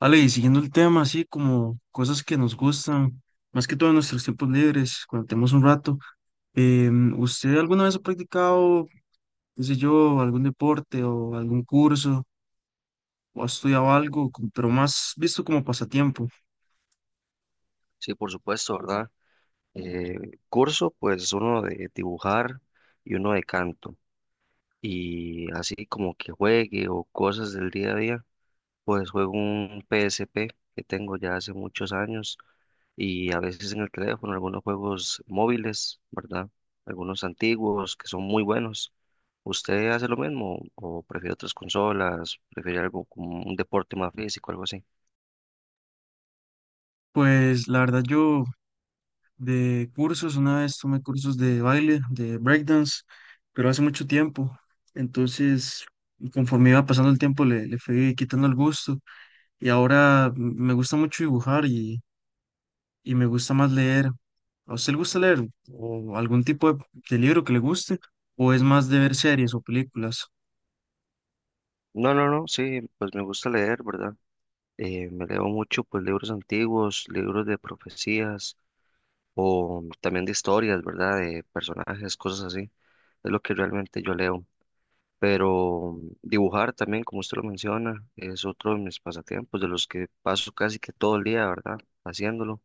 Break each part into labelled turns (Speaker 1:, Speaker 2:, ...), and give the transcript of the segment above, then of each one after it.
Speaker 1: Ale, y siguiendo el tema, así como cosas que nos gustan, más que todo en nuestros tiempos libres, cuando tenemos un rato, ¿usted alguna vez ha practicado, qué sé yo, algún deporte o algún curso o ha estudiado algo, pero más visto como pasatiempo?
Speaker 2: Sí, por supuesto, ¿verdad? Eh, Curso, pues uno de dibujar y uno de canto. Y así como que juegue o cosas del día a día, pues juego un PSP que tengo ya hace muchos años y a veces en el teléfono algunos juegos móviles, ¿verdad? Algunos antiguos que son muy buenos. ¿Usted hace lo mismo o prefiere otras consolas? ¿Prefiere algo como un deporte más físico, algo así?
Speaker 1: Pues la verdad yo de cursos, una vez tomé cursos de baile, de breakdance, pero hace mucho tiempo, entonces conforme iba pasando el tiempo le fui quitando el gusto y ahora me gusta mucho dibujar y me gusta más leer. ¿A usted le gusta leer o algún tipo de libro que le guste o es más de ver series o películas?
Speaker 2: No, no, no, sí, pues me gusta leer, ¿verdad? Me leo mucho pues libros antiguos, libros de profecías o también de historias, ¿verdad? De personajes, cosas así. Es lo que realmente yo leo. Pero dibujar también, como usted lo menciona, es otro de mis pasatiempos, de los que paso casi que todo el día, ¿verdad? Haciéndolo.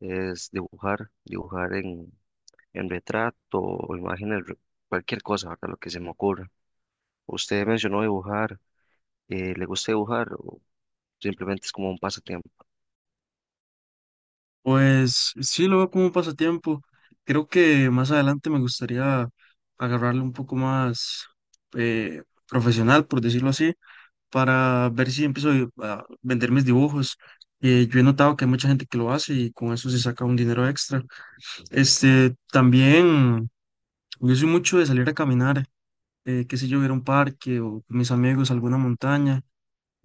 Speaker 2: Es dibujar, en retrato o imágenes, cualquier cosa, ¿verdad? Lo que se me ocurra. Usted mencionó dibujar, ¿le gusta dibujar o simplemente es como un pasatiempo?
Speaker 1: Pues sí, lo veo como un pasatiempo. Creo que más adelante me gustaría agarrarlo un poco más profesional, por decirlo así, para ver si empiezo a vender mis dibujos. Yo he notado que hay mucha gente que lo hace y con eso se saca un dinero extra. Este, también, yo soy mucho de salir a caminar. Qué sé yo, ir a un parque o con mis amigos a alguna montaña.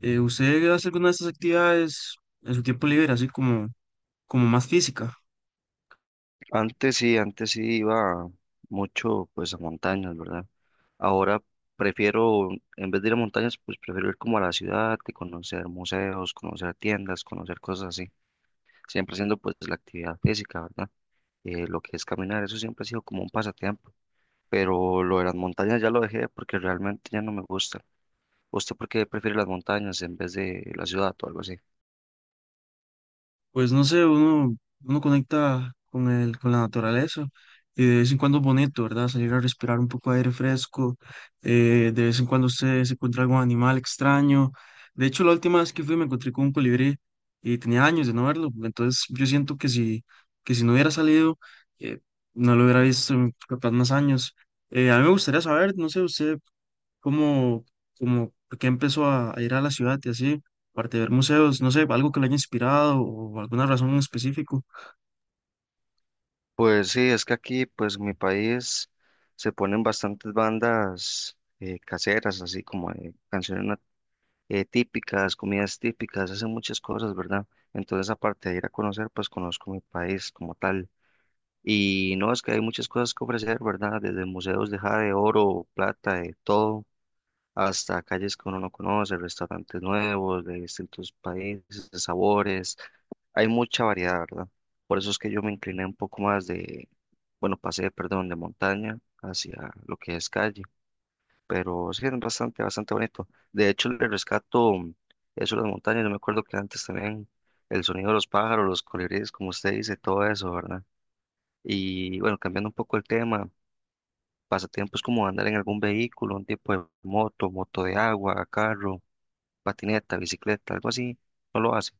Speaker 1: ¿Usted hace alguna de estas actividades en su tiempo libre, como más física?
Speaker 2: Antes sí iba mucho pues a montañas, ¿verdad? Ahora prefiero, en vez de ir a montañas, pues prefiero ir como a la ciudad y conocer museos, conocer tiendas, conocer cosas así, siempre haciendo pues la actividad física, ¿verdad? Lo que es caminar, eso siempre ha sido como un pasatiempo, pero lo de las montañas ya lo dejé porque realmente ya no me gusta. ¿Usted por qué prefiere las montañas en vez de la ciudad o algo así?
Speaker 1: Pues no sé, uno conecta con la naturaleza y de vez en cuando es bonito, ¿verdad? Salir a respirar un poco de aire fresco, de vez en cuando usted se encuentra algún animal extraño. De hecho, la última vez que fui me encontré con un colibrí y tenía años de no verlo, entonces yo siento que si no hubiera salido, eh, no lo hubiera visto en capaz más años. A mí me gustaría saber, no sé, usted como, como por qué empezó a ir a la ciudad y así, aparte de ver museos, no sé, algo que le haya inspirado o alguna razón en específico.
Speaker 2: Pues sí, es que aquí, pues en mi país se ponen bastantes bandas caseras, así como típicas, comidas típicas, hacen muchas cosas, ¿verdad? Entonces, aparte de ir a conocer, pues conozco mi país como tal. Y no, es que hay muchas cosas que ofrecer, ¿verdad? Desde museos de jade, oro, plata, de todo, hasta calles que uno no conoce, restaurantes nuevos de distintos países, de sabores. Hay mucha variedad, ¿verdad? Por eso es que yo me incliné un poco más de bueno, pasé, perdón, de montaña hacia lo que es calle, pero sí es bastante, bastante bonito. De hecho, le rescato eso de las montañas, yo me acuerdo que antes también el sonido de los pájaros, los colibríes, como usted dice, todo eso, ¿verdad? Y bueno, cambiando un poco el tema, pasatiempos como andar en algún vehículo, un tipo de moto, moto de agua, carro, patineta, bicicleta, algo así, ¿no lo hace?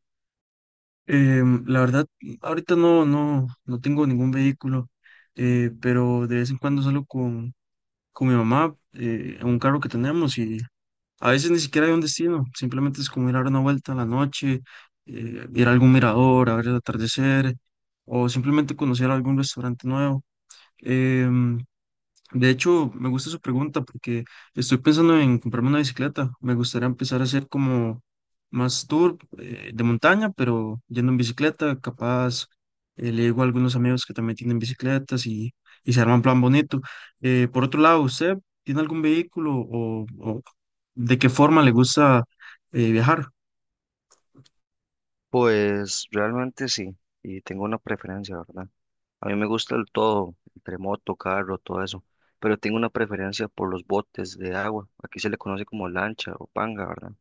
Speaker 1: La verdad, ahorita no tengo ningún vehículo, pero de vez en cuando salgo con mi mamá en un carro que tenemos y a veces ni siquiera hay un destino, simplemente es como ir a dar una vuelta en la noche, ir a algún mirador, a ver el atardecer o simplemente conocer algún restaurante nuevo. Em, De hecho, me gusta su pregunta porque estoy pensando en comprarme una bicicleta. Me gustaría empezar a hacer como más tour de montaña, pero yendo en bicicleta, capaz. Le digo a algunos amigos que también tienen bicicletas y se arma un plan bonito. Por otro lado, ¿usted tiene algún vehículo o de qué forma le gusta viajar?
Speaker 2: Pues realmente sí, y tengo una preferencia, ¿verdad? A mí me gusta el todo, entre moto, carro, todo eso, pero tengo una preferencia por los botes de agua. Aquí se le conoce como lancha o panga, ¿verdad?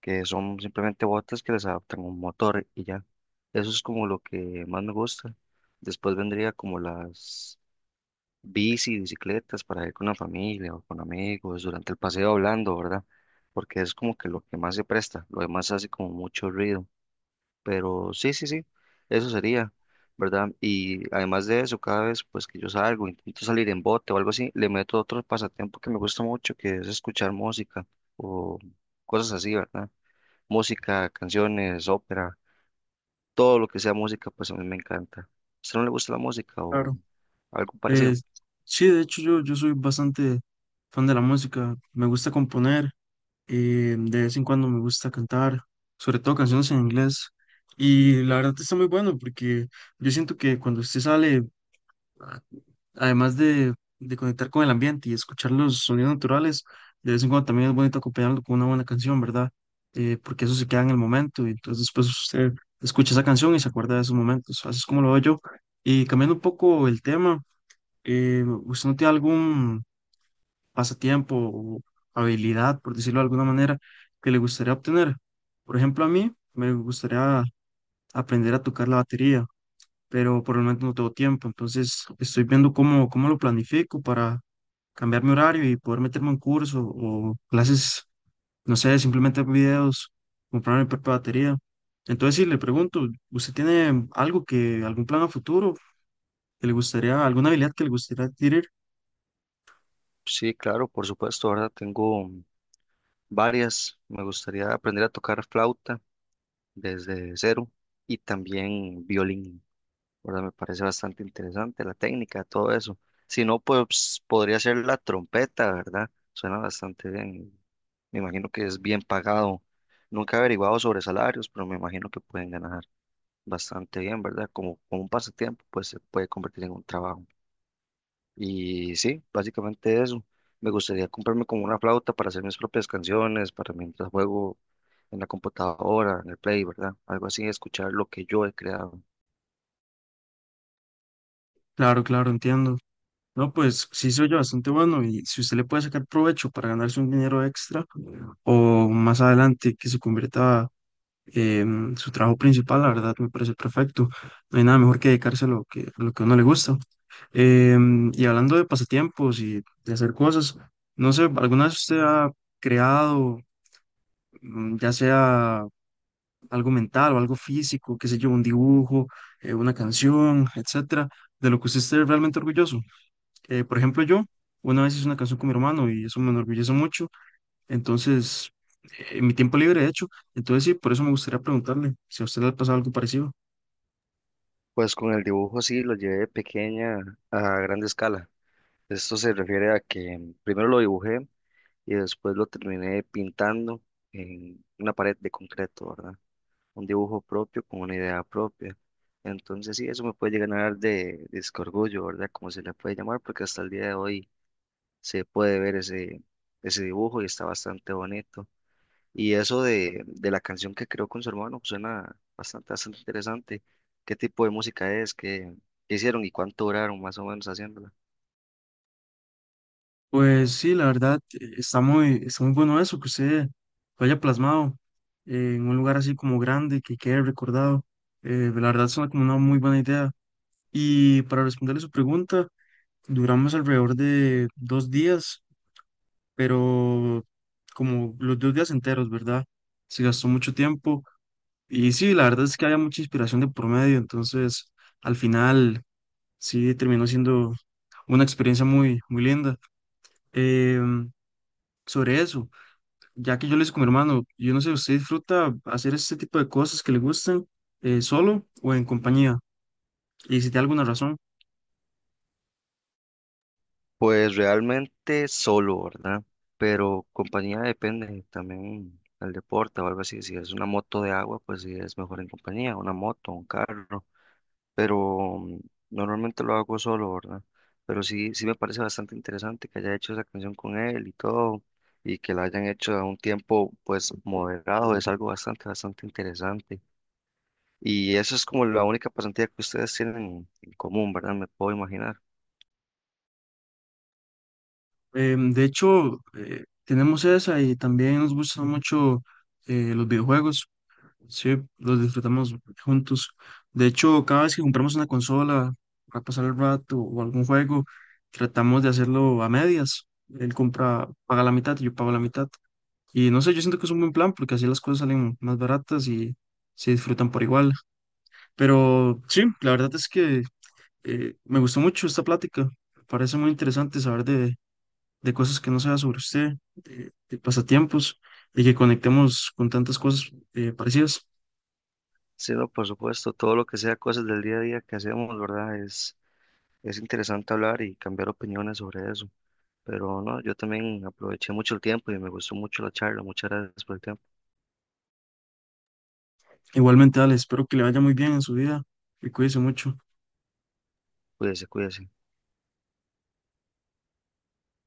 Speaker 2: Que son simplemente botes que les adaptan un motor y ya. Eso es como lo que más me gusta. Después vendría como las bicicletas para ir con la familia o con amigos durante el paseo hablando, ¿verdad? Porque es como que lo que más se presta, lo demás hace como mucho ruido. Pero sí, sí, sí, eso sería, ¿verdad? Y además de eso, cada vez pues que yo salgo, intento salir en bote o algo así, le meto otro pasatiempo que me gusta mucho, que es escuchar música o cosas así, ¿verdad? Música, canciones, ópera, todo lo que sea música, pues a mí me encanta. ¿A usted no le gusta la música o
Speaker 1: Claro.
Speaker 2: algo
Speaker 1: Eh,
Speaker 2: parecido?
Speaker 1: sí, de hecho yo soy bastante fan de la música. Me gusta componer de vez en cuando me gusta cantar, sobre todo canciones en inglés. Y la verdad está muy bueno porque yo siento que cuando usted sale, a- además de conectar con el ambiente y escuchar los sonidos naturales, de vez en cuando también es bonito acompañarlo con una buena canción, ¿verdad? Porque eso se queda en el momento y entonces después usted escucha esa canción y se acuerda de esos momentos. Así es como lo veo yo. Y cambiando un poco el tema, ¿usted no tiene algún pasatiempo o habilidad, por decirlo de alguna manera, que le gustaría obtener? Por ejemplo, a mí me gustaría aprender a tocar la batería, pero por el momento no tengo tiempo, entonces estoy viendo cómo lo planifico para cambiar mi horario y poder meterme en curso o clases, no sé, simplemente videos, comprar mi propia batería. Entonces, si le pregunto, ¿usted tiene algún plan a futuro que le gustaría, alguna habilidad que le gustaría adquirir?
Speaker 2: Sí, claro, por supuesto, ¿verdad? Tengo varias. Me gustaría aprender a tocar flauta desde cero y también violín. ¿Verdad? Me parece bastante interesante la técnica, todo eso. Si no, pues podría ser la trompeta, ¿verdad? Suena bastante bien. Me imagino que es bien pagado. Nunca he averiguado sobre salarios, pero me imagino que pueden ganar bastante bien, ¿verdad? Como, como un pasatiempo, pues se puede convertir en un trabajo. Y sí, básicamente eso. Me gustaría comprarme como una flauta para hacer mis propias canciones, para mientras juego en la computadora, en el Play, ¿verdad? Algo así, escuchar lo que yo he creado.
Speaker 1: Claro, claro, entiendo. No, pues sí se oye bastante bueno y si usted le puede sacar provecho para ganarse un dinero extra o más adelante que se convierta en su trabajo principal, la verdad me parece perfecto. No hay nada mejor que dedicarse a lo que a uno le gusta. Y hablando de pasatiempos y de hacer cosas, no sé, ¿alguna vez usted ha creado, mm, ya sea algo mental o algo físico, qué sé yo, un dibujo, una canción, etcétera, de lo que usted esté realmente orgulloso? Por ejemplo, yo una vez hice una canción con mi hermano y eso me enorgullece mucho. Entonces, en mi tiempo libre, de hecho. Entonces, sí, por eso me gustaría preguntarle si a usted le ha pasado algo parecido.
Speaker 2: Pues con el dibujo sí lo llevé de pequeña a grande escala. Esto se refiere a que primero lo dibujé y después lo terminé pintando en una pared de concreto, ¿verdad? Un dibujo propio con una idea propia. Entonces sí, eso me puede llegar a dar disco orgullo, ¿verdad? Como se le puede llamar, porque hasta el día de hoy se puede ver ese, ese dibujo y está bastante bonito. Y eso de la canción que creó con su hermano pues, suena bastante, bastante interesante. ¿Qué tipo de música es? ¿Qué hicieron y cuánto duraron más o menos haciéndola?
Speaker 1: Pues sí, la verdad, está muy bueno eso, que usted lo haya plasmado en un lugar así como grande, que quede recordado. La verdad, suena como una muy buena idea. Y para responderle su pregunta, duramos alrededor de dos días, pero como los dos días enteros, ¿verdad? Se gastó mucho tiempo. Y sí, la verdad es que había mucha inspiración de por medio, entonces al final sí terminó siendo una experiencia muy, muy linda. Em, Sobre eso, ya que yo le hice con mi hermano, yo no sé, ¿usted disfruta hacer este tipo de cosas que le gustan solo o en compañía? Y si tiene alguna razón.
Speaker 2: Pues realmente solo, ¿verdad? Pero compañía depende también al deporte o algo así. Si es una moto de agua, pues sí es mejor en compañía, una moto, un carro. Pero normalmente lo hago solo, ¿verdad? Pero sí, sí me parece bastante interesante que haya hecho esa canción con él y todo, y que la hayan hecho a un tiempo pues moderado, es algo bastante, bastante interesante. Y eso es como la única pasantía que ustedes tienen en común, ¿verdad? Me puedo imaginar.
Speaker 1: De hecho, tenemos esa y también nos gustan mucho los videojuegos. Sí, los disfrutamos juntos. De hecho, cada vez que compramos una consola para pasar el rato o algún juego, tratamos de hacerlo a medias. Él compra, paga la mitad y yo pago la mitad. Y no sé, yo siento que es un buen plan porque así las cosas salen más baratas y se disfrutan por igual. Pero sí, la verdad es que me gustó mucho esta plática. Me parece muy interesante saber de cosas que no sea sobre usted, de pasatiempos y que conectemos con tantas cosas parecidas.
Speaker 2: Sí, no, por supuesto, todo lo que sea cosas del día a día que hacemos, ¿verdad? Es interesante hablar y cambiar opiniones sobre eso. Pero no, yo también aproveché mucho el tiempo y me gustó mucho la charla. Muchas gracias por el tiempo.
Speaker 1: Igualmente, Ale, espero que le vaya muy bien en su vida y cuídese mucho.
Speaker 2: Cuídese, cuídese.